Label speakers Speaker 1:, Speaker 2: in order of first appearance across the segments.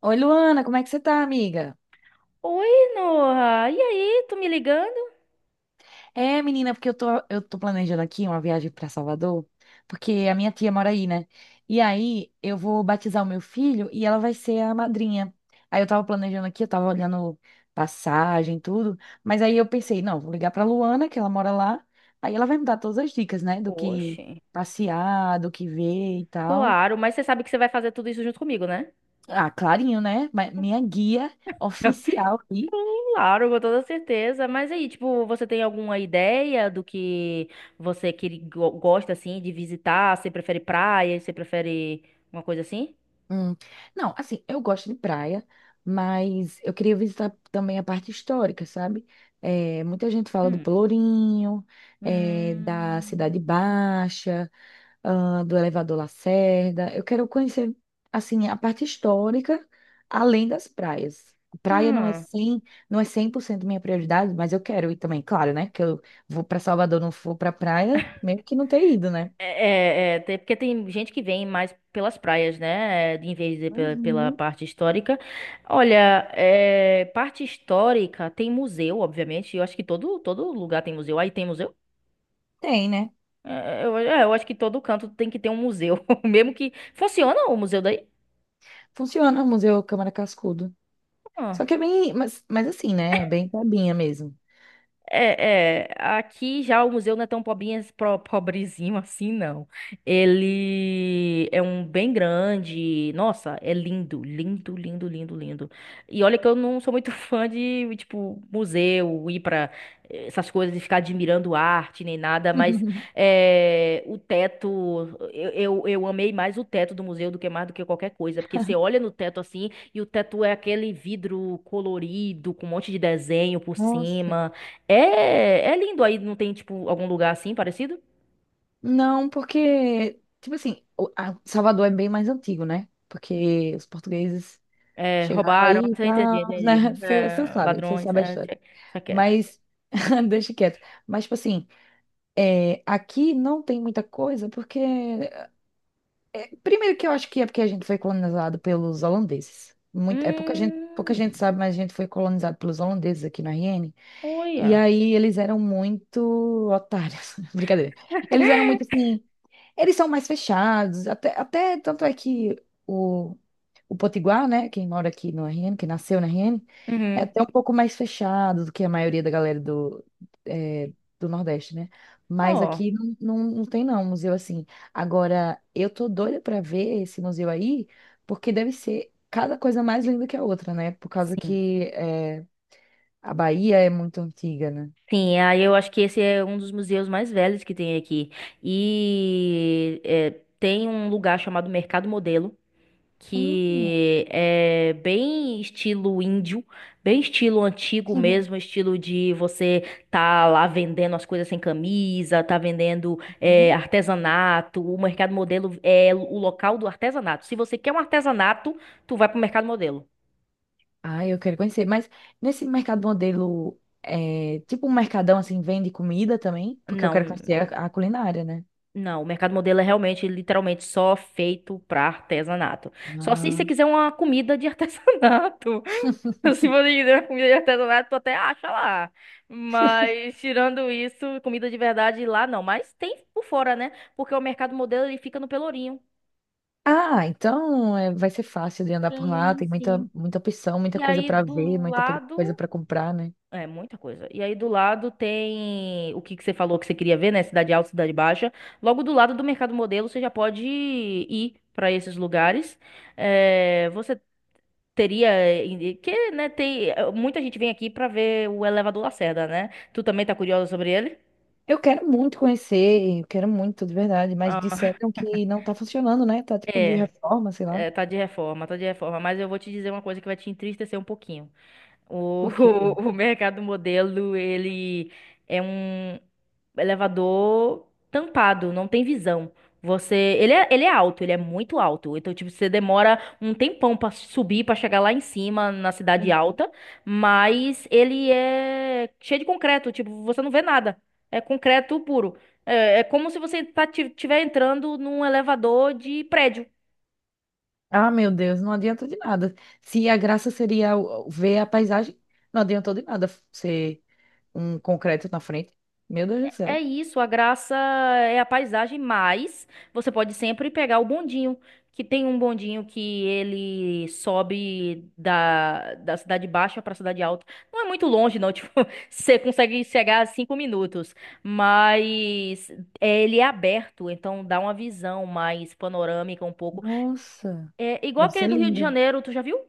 Speaker 1: Oi, Luana, como é que você tá, amiga?
Speaker 2: Oi, Noah. E aí, tu me ligando?
Speaker 1: É, menina, porque eu tô planejando aqui uma viagem pra Salvador, porque a minha tia mora aí, né? E aí eu vou batizar o meu filho e ela vai ser a madrinha. Aí eu tava planejando aqui, eu tava olhando passagem, tudo, mas aí eu pensei, não, vou ligar pra Luana, que ela mora lá, aí ela vai me dar todas as dicas, né, do que
Speaker 2: Oxe,
Speaker 1: passear, do que ver e tal.
Speaker 2: claro, mas você sabe que você vai fazer tudo isso junto comigo, né?
Speaker 1: Ah, clarinho, né? Minha guia oficial aqui.
Speaker 2: Claro, com toda certeza. Mas aí, tipo, você tem alguma ideia do que você gosta assim de visitar? Você prefere praia? Você prefere uma coisa assim?
Speaker 1: Hum. Não, assim, eu gosto de praia, mas eu queria visitar também a parte histórica, sabe? É, muita gente fala do
Speaker 2: Hum.
Speaker 1: Pelourinho, é, da
Speaker 2: Hum.
Speaker 1: Cidade Baixa, ah, do Elevador Lacerda. Eu quero conhecer, assim, a parte histórica, além das praias. Praia não é
Speaker 2: Hum.
Speaker 1: 100, não é 100% minha prioridade, mas eu quero ir também, claro, né? Que eu vou para Salvador, não for para praia, mesmo que não ter ido, né?
Speaker 2: É, é, é, porque tem gente que vem mais pelas praias, né? Em vez de pela
Speaker 1: Uhum.
Speaker 2: parte histórica. Olha, é, parte histórica tem museu, obviamente. Eu acho que todo lugar tem museu. Aí tem museu?
Speaker 1: Tem, né?
Speaker 2: É, eu acho que todo canto tem que ter um museu. Mesmo que. Funciona o museu daí?
Speaker 1: Funciona o Museu Câmara Cascudo.
Speaker 2: Ah.
Speaker 1: Só que é bem, mas assim, né? É bem cabinha mesmo.
Speaker 2: É, é, aqui já o museu não é tão pobrezinho assim, não. Ele é um bem grande. Nossa, é lindo, lindo, lindo, lindo, lindo. E olha que eu não sou muito fã de, tipo, museu, ir pra essas coisas e ficar admirando arte nem nada, mas é, o teto, eu amei mais o teto do museu do que mais do que qualquer coisa, porque você olha no teto assim e o teto é aquele vidro colorido com um monte de desenho por
Speaker 1: Nossa.
Speaker 2: cima. É, é lindo aí, não tem, tipo, algum lugar assim parecido?
Speaker 1: Não, porque, tipo assim, Salvador é bem mais antigo, né? Porque os portugueses
Speaker 2: É,
Speaker 1: chegaram
Speaker 2: roubaram,
Speaker 1: aí e
Speaker 2: você entendi,
Speaker 1: tal, né?
Speaker 2: entendi. É,
Speaker 1: Você
Speaker 2: ladrões,
Speaker 1: sabe a
Speaker 2: é,
Speaker 1: história.
Speaker 2: deixa quieto.
Speaker 1: Mas, deixa quieto. Mas, tipo assim, é, aqui não tem muita coisa, porque. Primeiro que eu acho que é porque a gente foi colonizado pelos holandeses. Muito, é pouca gente
Speaker 2: Hum,
Speaker 1: sabe, mas a gente foi colonizado pelos holandeses aqui na RN. E
Speaker 2: olha.
Speaker 1: aí eles eram muito otários. Brincadeira. Eles eram muito assim. Eles são mais fechados. Até tanto é que o, o Potiguar, né? Quem mora aqui no RN, que nasceu na RN, é
Speaker 2: Uhum.
Speaker 1: até um pouco mais fechado do que a maioria da galera do, é, do Nordeste, né? Mas
Speaker 2: Ó,
Speaker 1: aqui não, não, não tem não, museu assim. Agora, eu tô doida pra ver esse museu aí, porque deve ser cada coisa mais linda que a outra, né? Por causa
Speaker 2: sim.
Speaker 1: que é, a Bahia é muito antiga, né?
Speaker 2: Sim, aí eu acho que esse é um dos museus mais velhos que tem aqui. E é, tem um lugar chamado Mercado Modelo,
Speaker 1: Hum.
Speaker 2: que é bem estilo índio, bem estilo antigo mesmo, estilo de você tá lá vendendo as coisas sem camisa, tá vendendo
Speaker 1: Uhum.
Speaker 2: é, artesanato, o mercado modelo é o local do artesanato. Se você quer um artesanato, tu vai pro mercado modelo.
Speaker 1: Ah, eu quero conhecer. Mas nesse mercado modelo, é, tipo um mercadão assim, vende comida também? Porque eu quero
Speaker 2: Não,
Speaker 1: conhecer a culinária, né?
Speaker 2: não, o mercado modelo é realmente, literalmente só feito para artesanato. Só se você
Speaker 1: Ah,
Speaker 2: quiser uma comida de artesanato. Se você quiser comida de artesanato, tu até acha lá. Mas, tirando isso, comida de verdade lá não. Mas tem por fora, né? Porque o mercado modelo ele fica no Pelourinho.
Speaker 1: Ah, então é, vai ser fácil de andar por lá.
Speaker 2: Sim,
Speaker 1: Tem muita,
Speaker 2: sim.
Speaker 1: muita opção, muita
Speaker 2: E
Speaker 1: coisa
Speaker 2: aí
Speaker 1: para ver,
Speaker 2: do
Speaker 1: coisa
Speaker 2: lado.
Speaker 1: para comprar, né?
Speaker 2: É, muita coisa. E aí do lado tem o que que você falou que você queria ver, né? Cidade Alta, Cidade Baixa. Logo do lado do Mercado Modelo, você já pode ir para esses lugares. É, você teria, que, né, tem, muita gente vem aqui pra ver o Elevador Lacerda, né? Tu também tá curioso sobre ele?
Speaker 1: Eu quero muito conhecer, eu quero muito, de verdade. Mas
Speaker 2: Ah,
Speaker 1: disseram que não tá funcionando, né? Tá tipo de
Speaker 2: é,
Speaker 1: reforma, sei lá.
Speaker 2: é, tá de reforma, mas eu vou te dizer uma coisa que vai te entristecer um pouquinho. O,
Speaker 1: Por quê?
Speaker 2: o, mercado modelo, ele é um elevador tampado, não tem visão. Você, ele é alto, ele é muito alto. Então, tipo, você demora um tempão pra subir, pra chegar lá em cima, na cidade alta, mas ele é cheio de concreto, tipo, você não vê nada. É concreto puro. É, é como se tiver entrando num elevador de prédio.
Speaker 1: Ah, meu Deus, não adianta de nada. Se a graça seria o ver a paisagem, não adiantou de nada ser um concreto na frente. Meu Deus do
Speaker 2: É
Speaker 1: céu.
Speaker 2: isso, a graça é a paisagem, mas você pode sempre pegar o bondinho, que tem um bondinho que ele sobe da cidade baixa para a cidade alta. Não é muito longe, não, tipo, você consegue chegar a 5 minutos, mas é, ele é aberto, então dá uma visão mais panorâmica um pouco.
Speaker 1: Nossa,
Speaker 2: É igual
Speaker 1: deve
Speaker 2: aquele
Speaker 1: ser
Speaker 2: do Rio de
Speaker 1: lindo.
Speaker 2: Janeiro, tu já viu?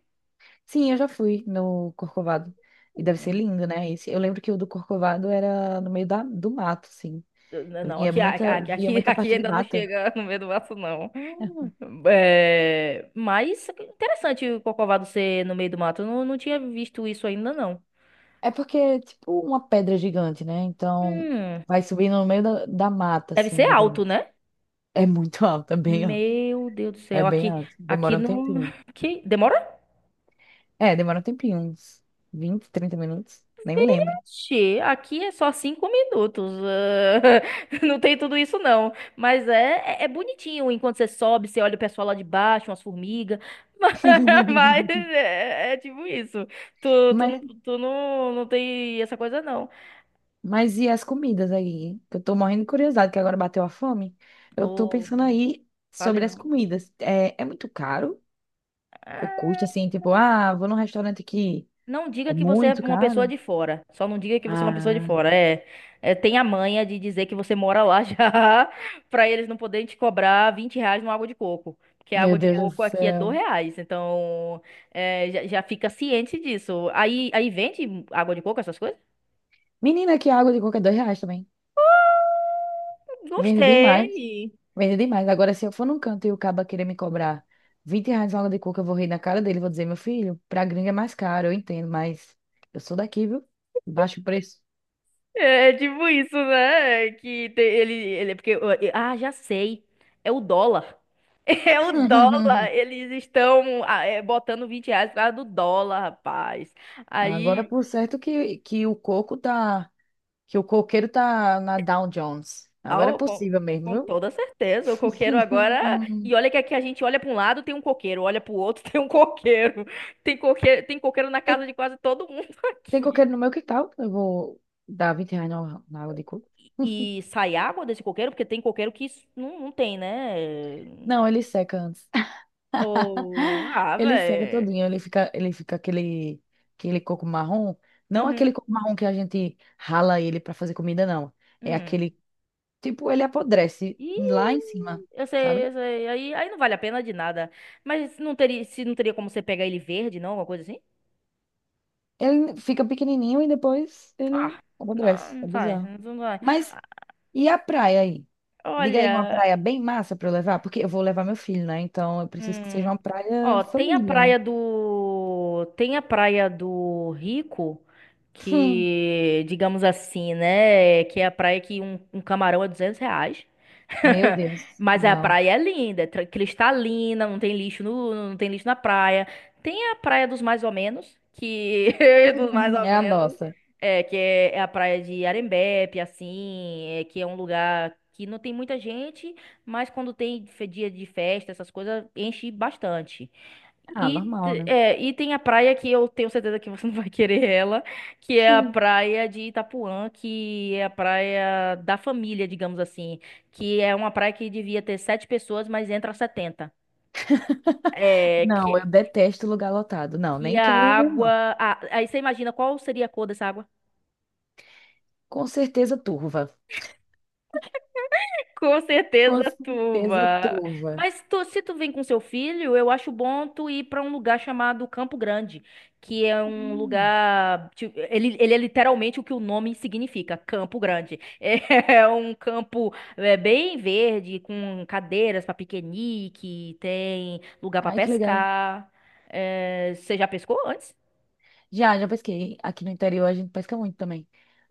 Speaker 1: Sim, eu já fui no Corcovado. E deve ser lindo, né? Esse, eu lembro que o do Corcovado era no meio do mato, sim.
Speaker 2: Não,
Speaker 1: Via
Speaker 2: aqui,
Speaker 1: muita,
Speaker 2: aqui,
Speaker 1: via
Speaker 2: aqui,
Speaker 1: muita
Speaker 2: aqui
Speaker 1: parte de
Speaker 2: ainda não
Speaker 1: mata.
Speaker 2: chega no meio do mato, não. É, mas interessante o Corcovado ser no meio do mato. Eu não tinha visto isso ainda, não.
Speaker 1: É porque é tipo uma pedra gigante, né? Então
Speaker 2: Hum,
Speaker 1: vai subindo no meio da mata,
Speaker 2: deve
Speaker 1: assim,
Speaker 2: ser
Speaker 1: digamos.
Speaker 2: alto, né?
Speaker 1: É muito alta.
Speaker 2: Meu Deus do
Speaker 1: É
Speaker 2: céu.
Speaker 1: bem
Speaker 2: Aqui,
Speaker 1: alto.
Speaker 2: aqui
Speaker 1: Demora um
Speaker 2: não.
Speaker 1: tempinho.
Speaker 2: que demora
Speaker 1: É, demora um tempinho, uns 20 30 minutos. Nem me lembro.
Speaker 2: Ixi, aqui é só 5 minutos. Ah, não tem tudo isso, não. Mas é bonitinho. Enquanto você sobe, você olha o pessoal lá de baixo, umas formigas. Mas, mas é, é tipo isso. Tu, tu,
Speaker 1: Mas,
Speaker 2: não, tu não, não tem essa coisa, não.
Speaker 1: mas e as comidas aí? Que eu tô morrendo de curiosidade, que agora bateu a fome. Eu tô
Speaker 2: Ou
Speaker 1: pensando aí
Speaker 2: fale,
Speaker 1: sobre as
Speaker 2: não.
Speaker 1: comidas. É, é muito caro o
Speaker 2: É.
Speaker 1: custo, assim, tipo, ah, vou num restaurante aqui.
Speaker 2: Não diga
Speaker 1: É
Speaker 2: que você é
Speaker 1: muito
Speaker 2: uma pessoa
Speaker 1: caro?
Speaker 2: de fora. Só não diga que você é uma pessoa de
Speaker 1: Ah,
Speaker 2: fora. É, é, tem a manha de dizer que você mora lá já, pra eles não poderem te cobrar R$ 20 numa água de coco. Porque a
Speaker 1: meu
Speaker 2: água de
Speaker 1: Deus do
Speaker 2: coco aqui é dois
Speaker 1: céu.
Speaker 2: reais. Então, é, já, já fica ciente disso. Aí vende água de coco, essas coisas?
Speaker 1: Menina, que água de coca é R$ 2 também. Vende demais.
Speaker 2: Gostei.
Speaker 1: Vende demais. Agora, se eu for num canto e o caba querer me cobrar R$ 20 uma água de coco, eu vou rir na cara dele. Vou dizer, meu filho, pra gringa é mais caro, eu entendo, mas eu sou daqui, viu? Baixo preço.
Speaker 2: É tipo isso, né? É que ele, é porque, ah, já sei. É o dólar. É o dólar. Eles estão botando R$ 20 atrás do dólar, rapaz.
Speaker 1: Agora,
Speaker 2: Aí,
Speaker 1: por certo que o coco tá. Que o coqueiro tá na Dow Jones. Agora é
Speaker 2: ao- com,
Speaker 1: possível mesmo,
Speaker 2: com
Speaker 1: viu?
Speaker 2: toda certeza, o coqueiro agora. E olha que aqui a gente olha para um lado, tem um coqueiro, olha para o outro, tem um coqueiro. Tem coqueiro, tem coqueiro na
Speaker 1: Tem,
Speaker 2: casa de quase todo mundo
Speaker 1: tem
Speaker 2: aqui.
Speaker 1: coqueiro no meu quintal. Eu vou dar R$ 20 na água de coco.
Speaker 2: E sai água desse coqueiro, porque tem coqueiro que não, não tem, né?
Speaker 1: Não, ele seca antes.
Speaker 2: Ou ah,
Speaker 1: Ele seca
Speaker 2: velho.
Speaker 1: todinho, ele fica aquele, aquele coco marrom. Não aquele
Speaker 2: Uhum.
Speaker 1: coco marrom que a gente rala ele para fazer comida, não. É
Speaker 2: Hum.
Speaker 1: aquele, tipo, ele apodrece
Speaker 2: E
Speaker 1: lá em cima,
Speaker 2: eu sei,
Speaker 1: sabe?
Speaker 2: eu sei. Aí não vale a pena de nada. Mas não teria, se não teria como você pegar ele verde, não? Alguma coisa assim?
Speaker 1: Ele fica pequenininho e depois ele
Speaker 2: Ah, não,
Speaker 1: apodrece.
Speaker 2: não
Speaker 1: É
Speaker 2: sai,
Speaker 1: bizarro.
Speaker 2: não sai.
Speaker 1: Mas
Speaker 2: Ah,
Speaker 1: e a praia aí? Diga aí uma
Speaker 2: olha,
Speaker 1: praia bem massa para eu levar, porque eu vou levar meu filho, né? Então eu preciso que seja
Speaker 2: hum,
Speaker 1: uma praia
Speaker 2: ó, tem a
Speaker 1: família, né?
Speaker 2: praia do, tem a praia do Rico,
Speaker 1: Hum,
Speaker 2: que, digamos assim, né, que é a praia que um camarão é R$ 200.
Speaker 1: meu Deus,
Speaker 2: Mas a
Speaker 1: não.
Speaker 2: praia é linda, é cristalina, não tem lixo na praia. Tem a praia dos mais ou menos, que dos mais ou
Speaker 1: É a
Speaker 2: menos,
Speaker 1: nossa.
Speaker 2: é que é, é a praia de Arembepe, assim, é, que é um lugar que não tem muita gente, mas quando tem dia de festa, essas coisas enche bastante.
Speaker 1: Ah,
Speaker 2: E,
Speaker 1: normal, né?
Speaker 2: é, e tem a praia que eu tenho certeza que você não vai querer ela, que é a praia de Itapuã, que é a praia da família, digamos assim, que é uma praia que devia ter sete pessoas, mas entra 70. É,
Speaker 1: Não, eu
Speaker 2: que,
Speaker 1: detesto lugar lotado. Não,
Speaker 2: que
Speaker 1: nem
Speaker 2: a
Speaker 1: quero ir mesmo, não.
Speaker 2: água. Aí você imagina qual seria a cor dessa água?
Speaker 1: Com certeza turva.
Speaker 2: Com certeza,
Speaker 1: Com certeza
Speaker 2: Tuba.
Speaker 1: turva.
Speaker 2: Mas se tu vem com seu filho, eu acho bom tu ir pra um lugar chamado Campo Grande, que é um
Speaker 1: Hum.
Speaker 2: lugar, tipo, ele é literalmente o que o nome significa, Campo Grande. É um campo é, bem verde, com cadeiras pra piquenique, tem lugar pra
Speaker 1: Ai, que legal.
Speaker 2: pescar. É, você já pescou antes?
Speaker 1: Já pesquei. Aqui no interior a gente pesca muito também.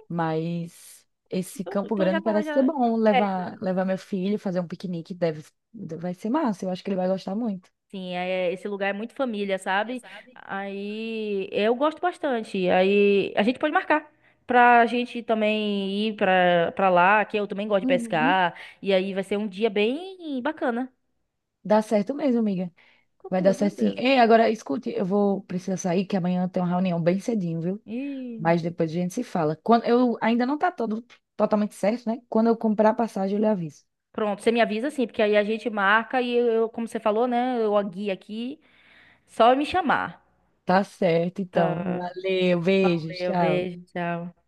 Speaker 1: Mas esse
Speaker 2: Então,
Speaker 1: Campo
Speaker 2: então já
Speaker 1: Grande
Speaker 2: tá
Speaker 1: parece ser
Speaker 2: já.
Speaker 1: bom.
Speaker 2: é,
Speaker 1: Levar meu filho, fazer um piquenique, deve, vai ser massa. Eu acho que ele vai gostar muito.
Speaker 2: Sim, esse lugar é muito família, sabe? Aí eu gosto bastante. Aí a gente pode marcar pra gente também ir pra lá, que eu também gosto de
Speaker 1: Uhum.
Speaker 2: pescar. E aí vai ser um dia bem bacana,
Speaker 1: Dá certo mesmo, amiga.
Speaker 2: com
Speaker 1: Vai dar
Speaker 2: toda
Speaker 1: certo sim.
Speaker 2: certeza.
Speaker 1: Ei, agora escute, eu vou precisar sair, que amanhã tem uma reunião bem cedinho, viu?
Speaker 2: E
Speaker 1: Mas depois a gente se fala. Quando eu ainda não tá todo totalmente certo, né? Quando eu comprar a passagem, eu lhe aviso.
Speaker 2: pronto, você me avisa assim, porque aí a gente marca e eu, como você falou, né? Eu a guia aqui, só me chamar.
Speaker 1: Tá certo, então.
Speaker 2: Tá.
Speaker 1: Valeu, beijos,
Speaker 2: Valeu,
Speaker 1: tchau.
Speaker 2: beijo, tchau.